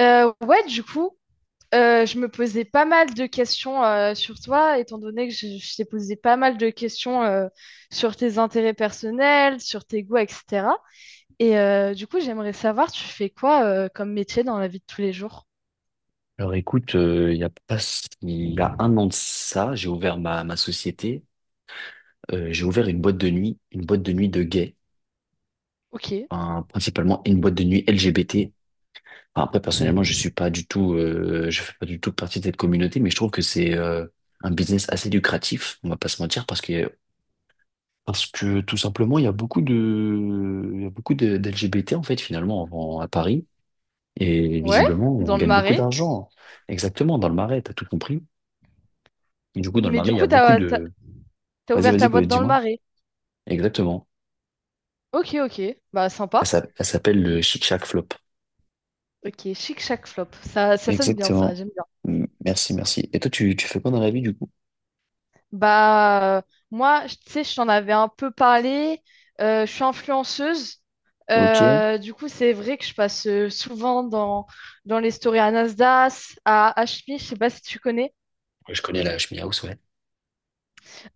Ouais, du coup, je me posais pas mal de questions sur toi, étant donné que je t'ai posé pas mal de questions sur tes intérêts personnels, sur tes goûts, etc. Et du coup, j'aimerais savoir, tu fais quoi comme métier dans la vie de tous les jours? Alors écoute, il y a pas, il y a un an de ça, j'ai ouvert ma société, j'ai ouvert une boîte de nuit, une boîte de nuit de gays, Ok, enfin, principalement une boîte de nuit LGBT. Enfin, après personnellement, je suis pas du tout, je fais pas du tout partie de cette communauté, mais je trouve que c'est un business assez lucratif, on va pas se mentir, parce que tout simplement, il y a beaucoup de, d'LGBT en fait finalement à Paris, et ouais, visiblement on dans le gagne beaucoup Marais. d'argent. Exactement, dans le Marais, t'as tout compris. Et du coup, dans le Mais Marais, du il y a coup, beaucoup t'as, t'as, de. t'as Vas-y, ouvert ta vas-y, boîte dans le dis-moi. Marais. Exactement. Ok, ok, bah sympa. Elle s'appelle le Chic Chac Flop. Ok, Chic Chac Flop. Ça sonne bien, ça, Exactement. j'aime. Merci, merci. Et toi, tu fais quoi dans la vie, du coup? Bah, moi, tu sais, je t'en avais un peu parlé. Je suis influenceuse. Ok. Ouais, Du coup, c'est vrai que je passe souvent dans, les stories à Nasdaq, à HMI, je sais pas si tu connais, je connais la Ch'mi House, ouais.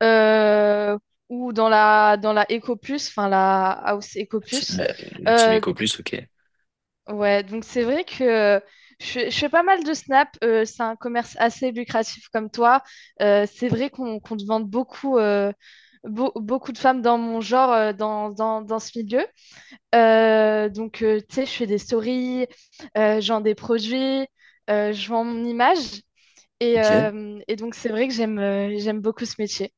euh, ou dans la Ecoplus, enfin la House Ecoplus. La, la Team Eco Plus, ok. Ouais, donc c'est vrai que je fais pas mal de snap. C'est un commerce assez lucratif comme toi. C'est vrai qu'on demande beaucoup, beaucoup de femmes dans mon genre, dans ce milieu. Donc, tu sais, je fais des stories, je vends des produits, je vends mon image. Et, Ok. euh, et donc, c'est vrai que j'aime beaucoup ce métier.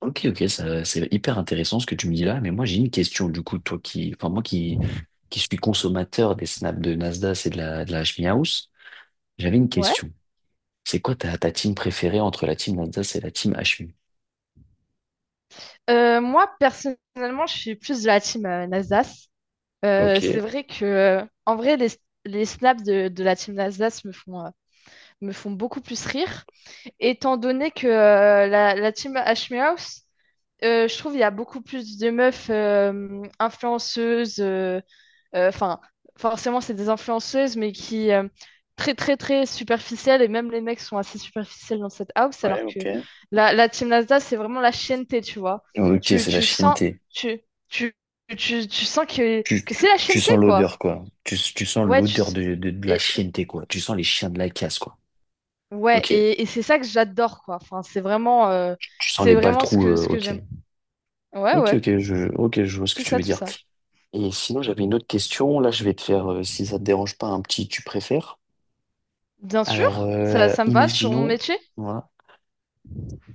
Ok, ok, ça, c'est hyper intéressant ce que tu me dis là, mais moi j'ai une question du coup, toi qui, enfin moi qui suis consommateur des snaps de Nasdaq et de la HMI House, j'avais une Ouais. question. C'est quoi ta team préférée entre la team Nasdaq et la team HMI? Moi, personnellement, je suis plus de la team Nasdaq. Ok. C'est vrai que, en vrai, les snaps de la team d'Alsace me font beaucoup plus rire, étant donné que la, team Ashmehouse, je trouve il y a beaucoup plus de meufs influenceuses, enfin, forcément, c'est des influenceuses, mais qui. Très, très, très superficielles, et même les mecs sont assez superficiels dans cette house, Ouais, alors que ok. la team d'Alsace, c'est vraiment la chienneté, tu vois. Ok, Tu, c'est la tu sens, chienneté. tu, tu, tu sens que, que c'est la Tu chienneté, sens quoi. l'odeur, quoi. Tu sens Ouais, l'odeur de la et, chienneté, quoi. Tu sens les chiens de la casse, quoi. ouais, Ok. et c'est ça que j'adore, quoi. Enfin, c'est vraiment, euh, Tu sens c'est les balles vraiment ce trous, que, ce que ok. j'aime. Ouais, Ok, ouais, ok, ok, je vois ce que tout tu ça, veux tout dire. ça. Et sinon, j'avais une autre question. Là, je vais te faire, si ça te dérange pas, un petit tu préfères. Bien Alors, sûr, ça, ça me va sur mon imaginons, métier. voilà,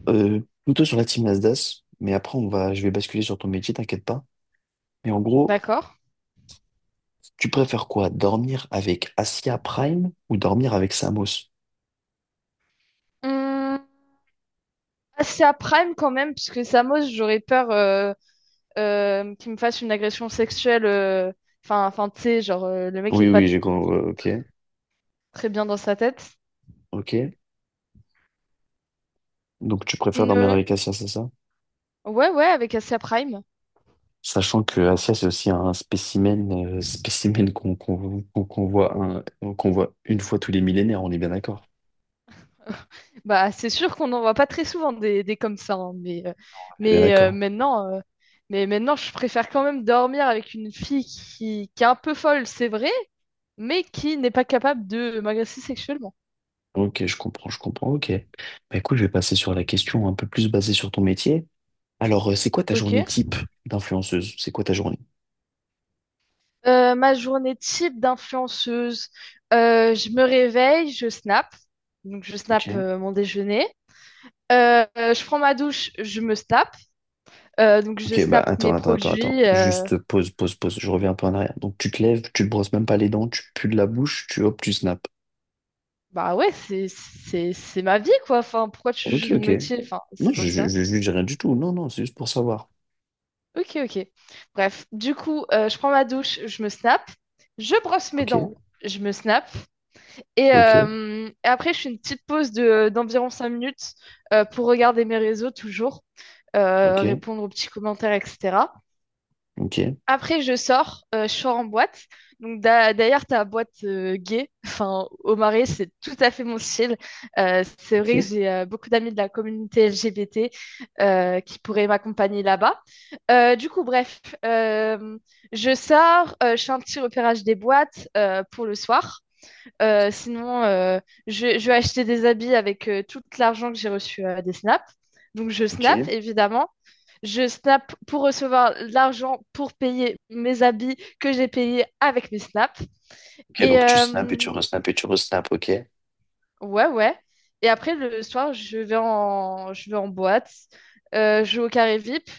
plutôt sur la team Nasdaq, mais après, je vais basculer sur ton métier, t'inquiète pas. Mais en gros, D'accord. tu préfères quoi? Dormir avec Asia Prime ou dormir avec Samos? Hum, Assez à Prime quand même, puisque Samos, j'aurais peur qu'il me fasse une agression sexuelle. Enfin, enfin, tu sais, genre, le mec Oui, est pas oui, j'ai compris. Ok, très bien dans sa tête. ok. Donc tu préfères dormir Ne- avec Asia, c'est ça? Ouais, ouais, avec Asia Prime. Sachant que Asia, c'est aussi un spécimen, spécimen qu'on voit qu'on voit une fois tous les millénaires, on est bien d'accord. Bah, c'est sûr qu'on n'en voit pas très souvent des comme ça, hein, On est bien mais, euh, d'accord. maintenant, euh, mais maintenant, je préfère quand même dormir avec une fille qui est un peu folle, c'est vrai, mais qui n'est pas capable de m'agresser sexuellement. Ok, je comprends, ok. Bah écoute, je vais passer sur la question un peu plus basée sur ton métier. Alors, c'est quoi ta journée Ok. type d'influenceuse? C'est quoi ta journée? Ma journée type d'influenceuse, je me réveille, je snap, donc je snap Ok. Mon déjeuner. Je prends ma douche, je me snap, donc je Ok, bah snap mes attends, attends, attends, attends. produits. Juste pause, pause, pause. Je reviens un peu en arrière. Donc tu te lèves, tu te brosses même pas les dents, tu pues de la bouche, tu hop, tu snaps. Bah ouais, c'est ma vie quoi. Enfin, pourquoi tu Ok, juges mon ok. métier? Enfin, Non, c'est je comme je ça. je juge rien du tout. Non, non, c'est juste pour savoir. Ok, ok. Bref, du coup, je prends ma douche, je me snap, je brosse mes Ok, dents, je me snap, et, ok, euh, et après je fais une petite pause de d'environ 5 minutes pour regarder mes réseaux toujours, ok, répondre aux petits commentaires, etc. ok, Après, je sors en boîte. Donc, d'ailleurs, ta boîte gay, enfin, au Marais, c'est tout à fait mon style. C'est ok, vrai que j'ai beaucoup d'amis de la communauté LGBT qui pourraient m'accompagner là-bas. Du coup, bref, je sors, je fais un petit repérage des boîtes pour le soir. Sinon, je vais acheter des habits avec tout l'argent que j'ai reçu des snaps. Donc, je ok. snap, évidemment. Je snap pour recevoir l'argent pour payer mes habits que j'ai payés avec mes snaps. Ok, Et donc tu snaps euh, et tu resnaps, ok. ouais, ouais. Et après, le soir, je vais en boîte. Je vais au carré VIP.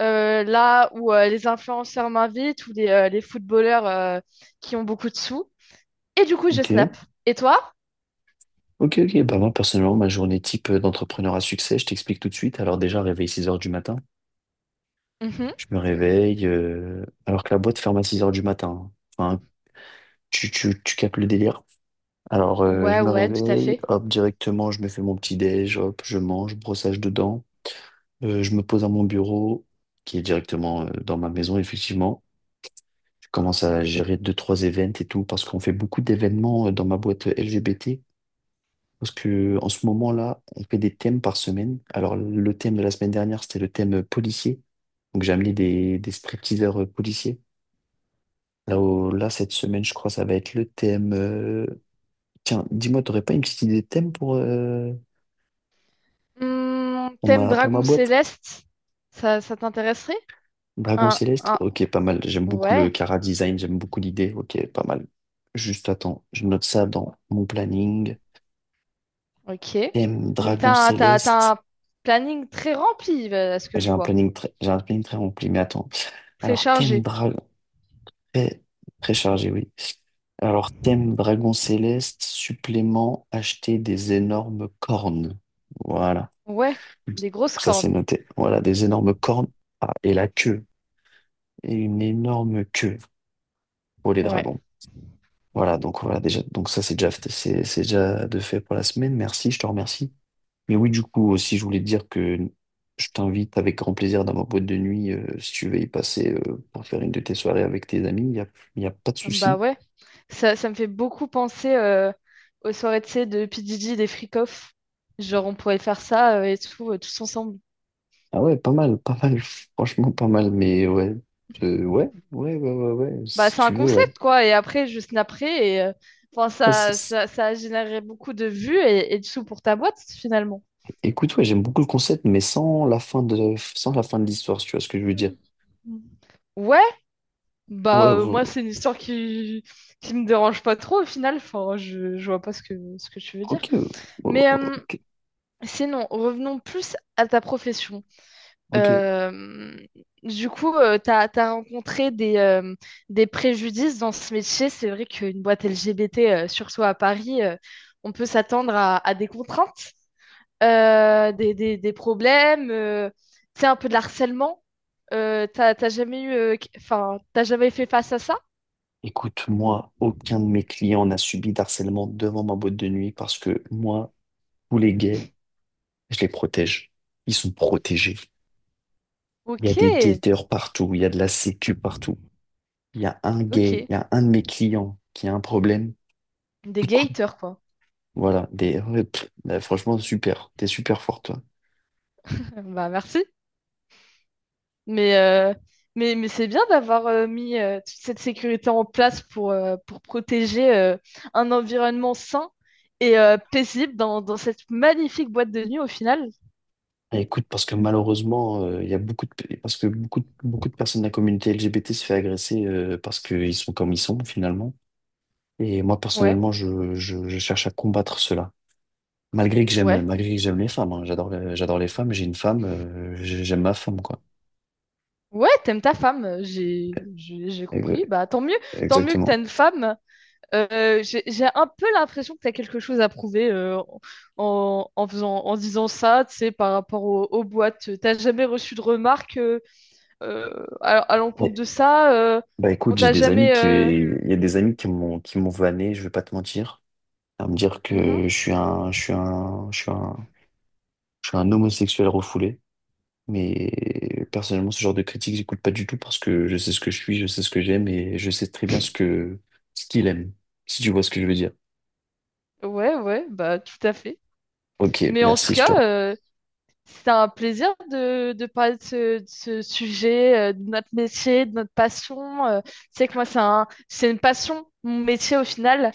Là où les influenceurs m'invitent ou les footballeurs qui ont beaucoup de sous. Et du coup, je Ok, snap. Et toi? ok, ok. Bah moi, personnellement, ma journée type d'entrepreneur à succès, je t'explique tout de suite. Alors déjà, réveil 6 heures du matin. Je me réveille, alors que la boîte ferme à 6 heures du matin, hein. Enfin, tu captes le délire. Alors, je Ouais, me ouais, tout à réveille, fait. hop, directement, je me fais mon petit déj, hop, je mange, brossage de dents. Je me pose à mon bureau, qui est directement dans ma maison, effectivement. Je commence à gérer deux, trois événements et tout, parce qu'on fait beaucoup d'événements dans ma boîte LGBT. Parce que en ce moment-là, on fait des thèmes par semaine. Alors, le thème de la semaine dernière, c'était le thème policier. Donc, j'ai amené des stripteaseurs policiers. Là, là, cette semaine, je crois, ça va être le thème. Tiens, dis-moi, t'aurais pas une petite idée de thème pour Thème pour ma Dragon boîte? Céleste, ça t'intéresserait? Dragon Un, Céleste, un- ok, pas mal. J'aime beaucoup le ouais, Cara design, j'aime beaucoup l'idée, ok, pas mal. Juste attends, je note ça dans mon planning. ok. Thème Donc Dragon t'as, un- t'as, Céleste. t'as un planning très rempli, à ce que je vois. J'ai un planning très rempli, mais attends. Très Alors, thème chargé. Dragon, très, très chargé, oui. Alors, thème Dragon Céleste, supplément, acheter des énormes cornes. Voilà. Ouais, des grosses Ça, c'est cornes. noté. Voilà, des énormes cornes. Ah, et la queue. Et une énorme queue pour les Ouais. dragons. Voilà, donc voilà, déjà, donc ça c'est déjà de fait pour la semaine. Merci, je te remercie. Mais oui, du coup, aussi, je voulais te dire que je t'invite avec grand plaisir dans ma boîte de nuit si tu veux y passer pour faire une de tes soirées avec tes amis. Y a pas de Bah souci. ouais, ça me fait beaucoup penser aux soirées, tu sais, de PDG, des freak-off. Genre, on pourrait faire ça et tout, tous ensemble. Ah ouais, pas mal, pas mal, franchement pas mal, mais ouais. Ouais, ouais, ouais, ouais, ouais, Bah, si c'est un tu veux, ouais. concept, quoi. Et après, juste après, enfin, Ouais, c'est- ça, c'est- ça, ça a généré beaucoup de vues et de sous pour ta boîte, finalement. Écoute, ouais, j'aime beaucoup le concept, mais sans la fin de, sans la fin de l'histoire, si tu vois ce que je veux dire. Mhm. Ouais, Ouais, bah, ouais, moi, c'est une histoire qui me dérange pas trop, au final. Enfin, je vois pas ce que tu veux dire. ok, ouais, ouais, Mais, ok, sinon, revenons plus à ta profession. ok. Euh, du coup, t'as rencontré des préjudices dans ce métier. C'est vrai qu'une boîte LGBT, surtout à Paris, on peut s'attendre à des contraintes. Des problèmes, tu sais, un peu de harcèlement. T'as jamais eu, enfin, t'as jamais fait face à ça? Écoute, moi, aucun de mes clients n'a subi d'harcèlement devant ma boîte de nuit parce que moi, tous les gays, je les protège. Ils sont protégés. Il y Ok, a des guetteurs partout, il y a de la sécu partout. Il y a un ok. gay, il y a un de mes clients qui a un problème. Des Coup de coude. gators, quoi. Voilà, des, ouais, pff, là, franchement, super. T'es super fort, toi. Bah, merci. Mais, euh, mais c'est bien d'avoir mis toute cette sécurité en place pour protéger un environnement sain et paisible dans, dans cette magnifique boîte de nuit au final. Et écoute, parce que malheureusement, il y a beaucoup de, parce que beaucoup de personnes de la communauté LGBT se fait agresser parce qu'ils sont comme ils sont, finalement. Et moi, Ouais, personnellement, je cherche à combattre cela. Ouais. Malgré que j'aime les femmes, hein, j'adore, j'adore les femmes, j'ai une femme, j'aime ma femme, quoi. Ouais, t'aimes ta femme, j'ai Euh, compris. Bah tant mieux que t'as Exactement. une femme. J'ai un peu l'impression que tu as quelque chose à prouver en disant ça, tu sais, par rapport aux, boîtes. T'as jamais reçu de remarques à l'encontre Ouais. de ça. Bah écoute, On j'ai t'a des amis jamais. qui, il y a des amis qui m'ont vanné, je vais pas te mentir, à me dire Mhm. que je suis un, je suis un, je suis un, je suis un homosexuel refoulé. Mais personnellement, ce genre de critique, j'écoute pas du tout parce que je sais ce que je suis, je sais ce que j'aime et je sais très bien ce que, ce qu'il aime, si tu vois ce que je veux dire. Ouais, ouais, bah tout à fait. Ok, Mais en tout merci, je cas, te. C'était un plaisir de parler de ce sujet, de notre métier, de notre passion. Tu sais que moi, c'est une passion, mon métier au final.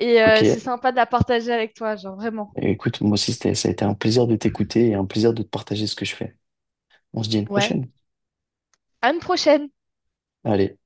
Et c'est Ok. sympa de la partager avec toi, genre vraiment. Et écoute, moi aussi, c'était, ça a été un plaisir de t'écouter et un plaisir de te partager ce que je fais. On se dit à une Ouais. prochaine. À une prochaine! Allez.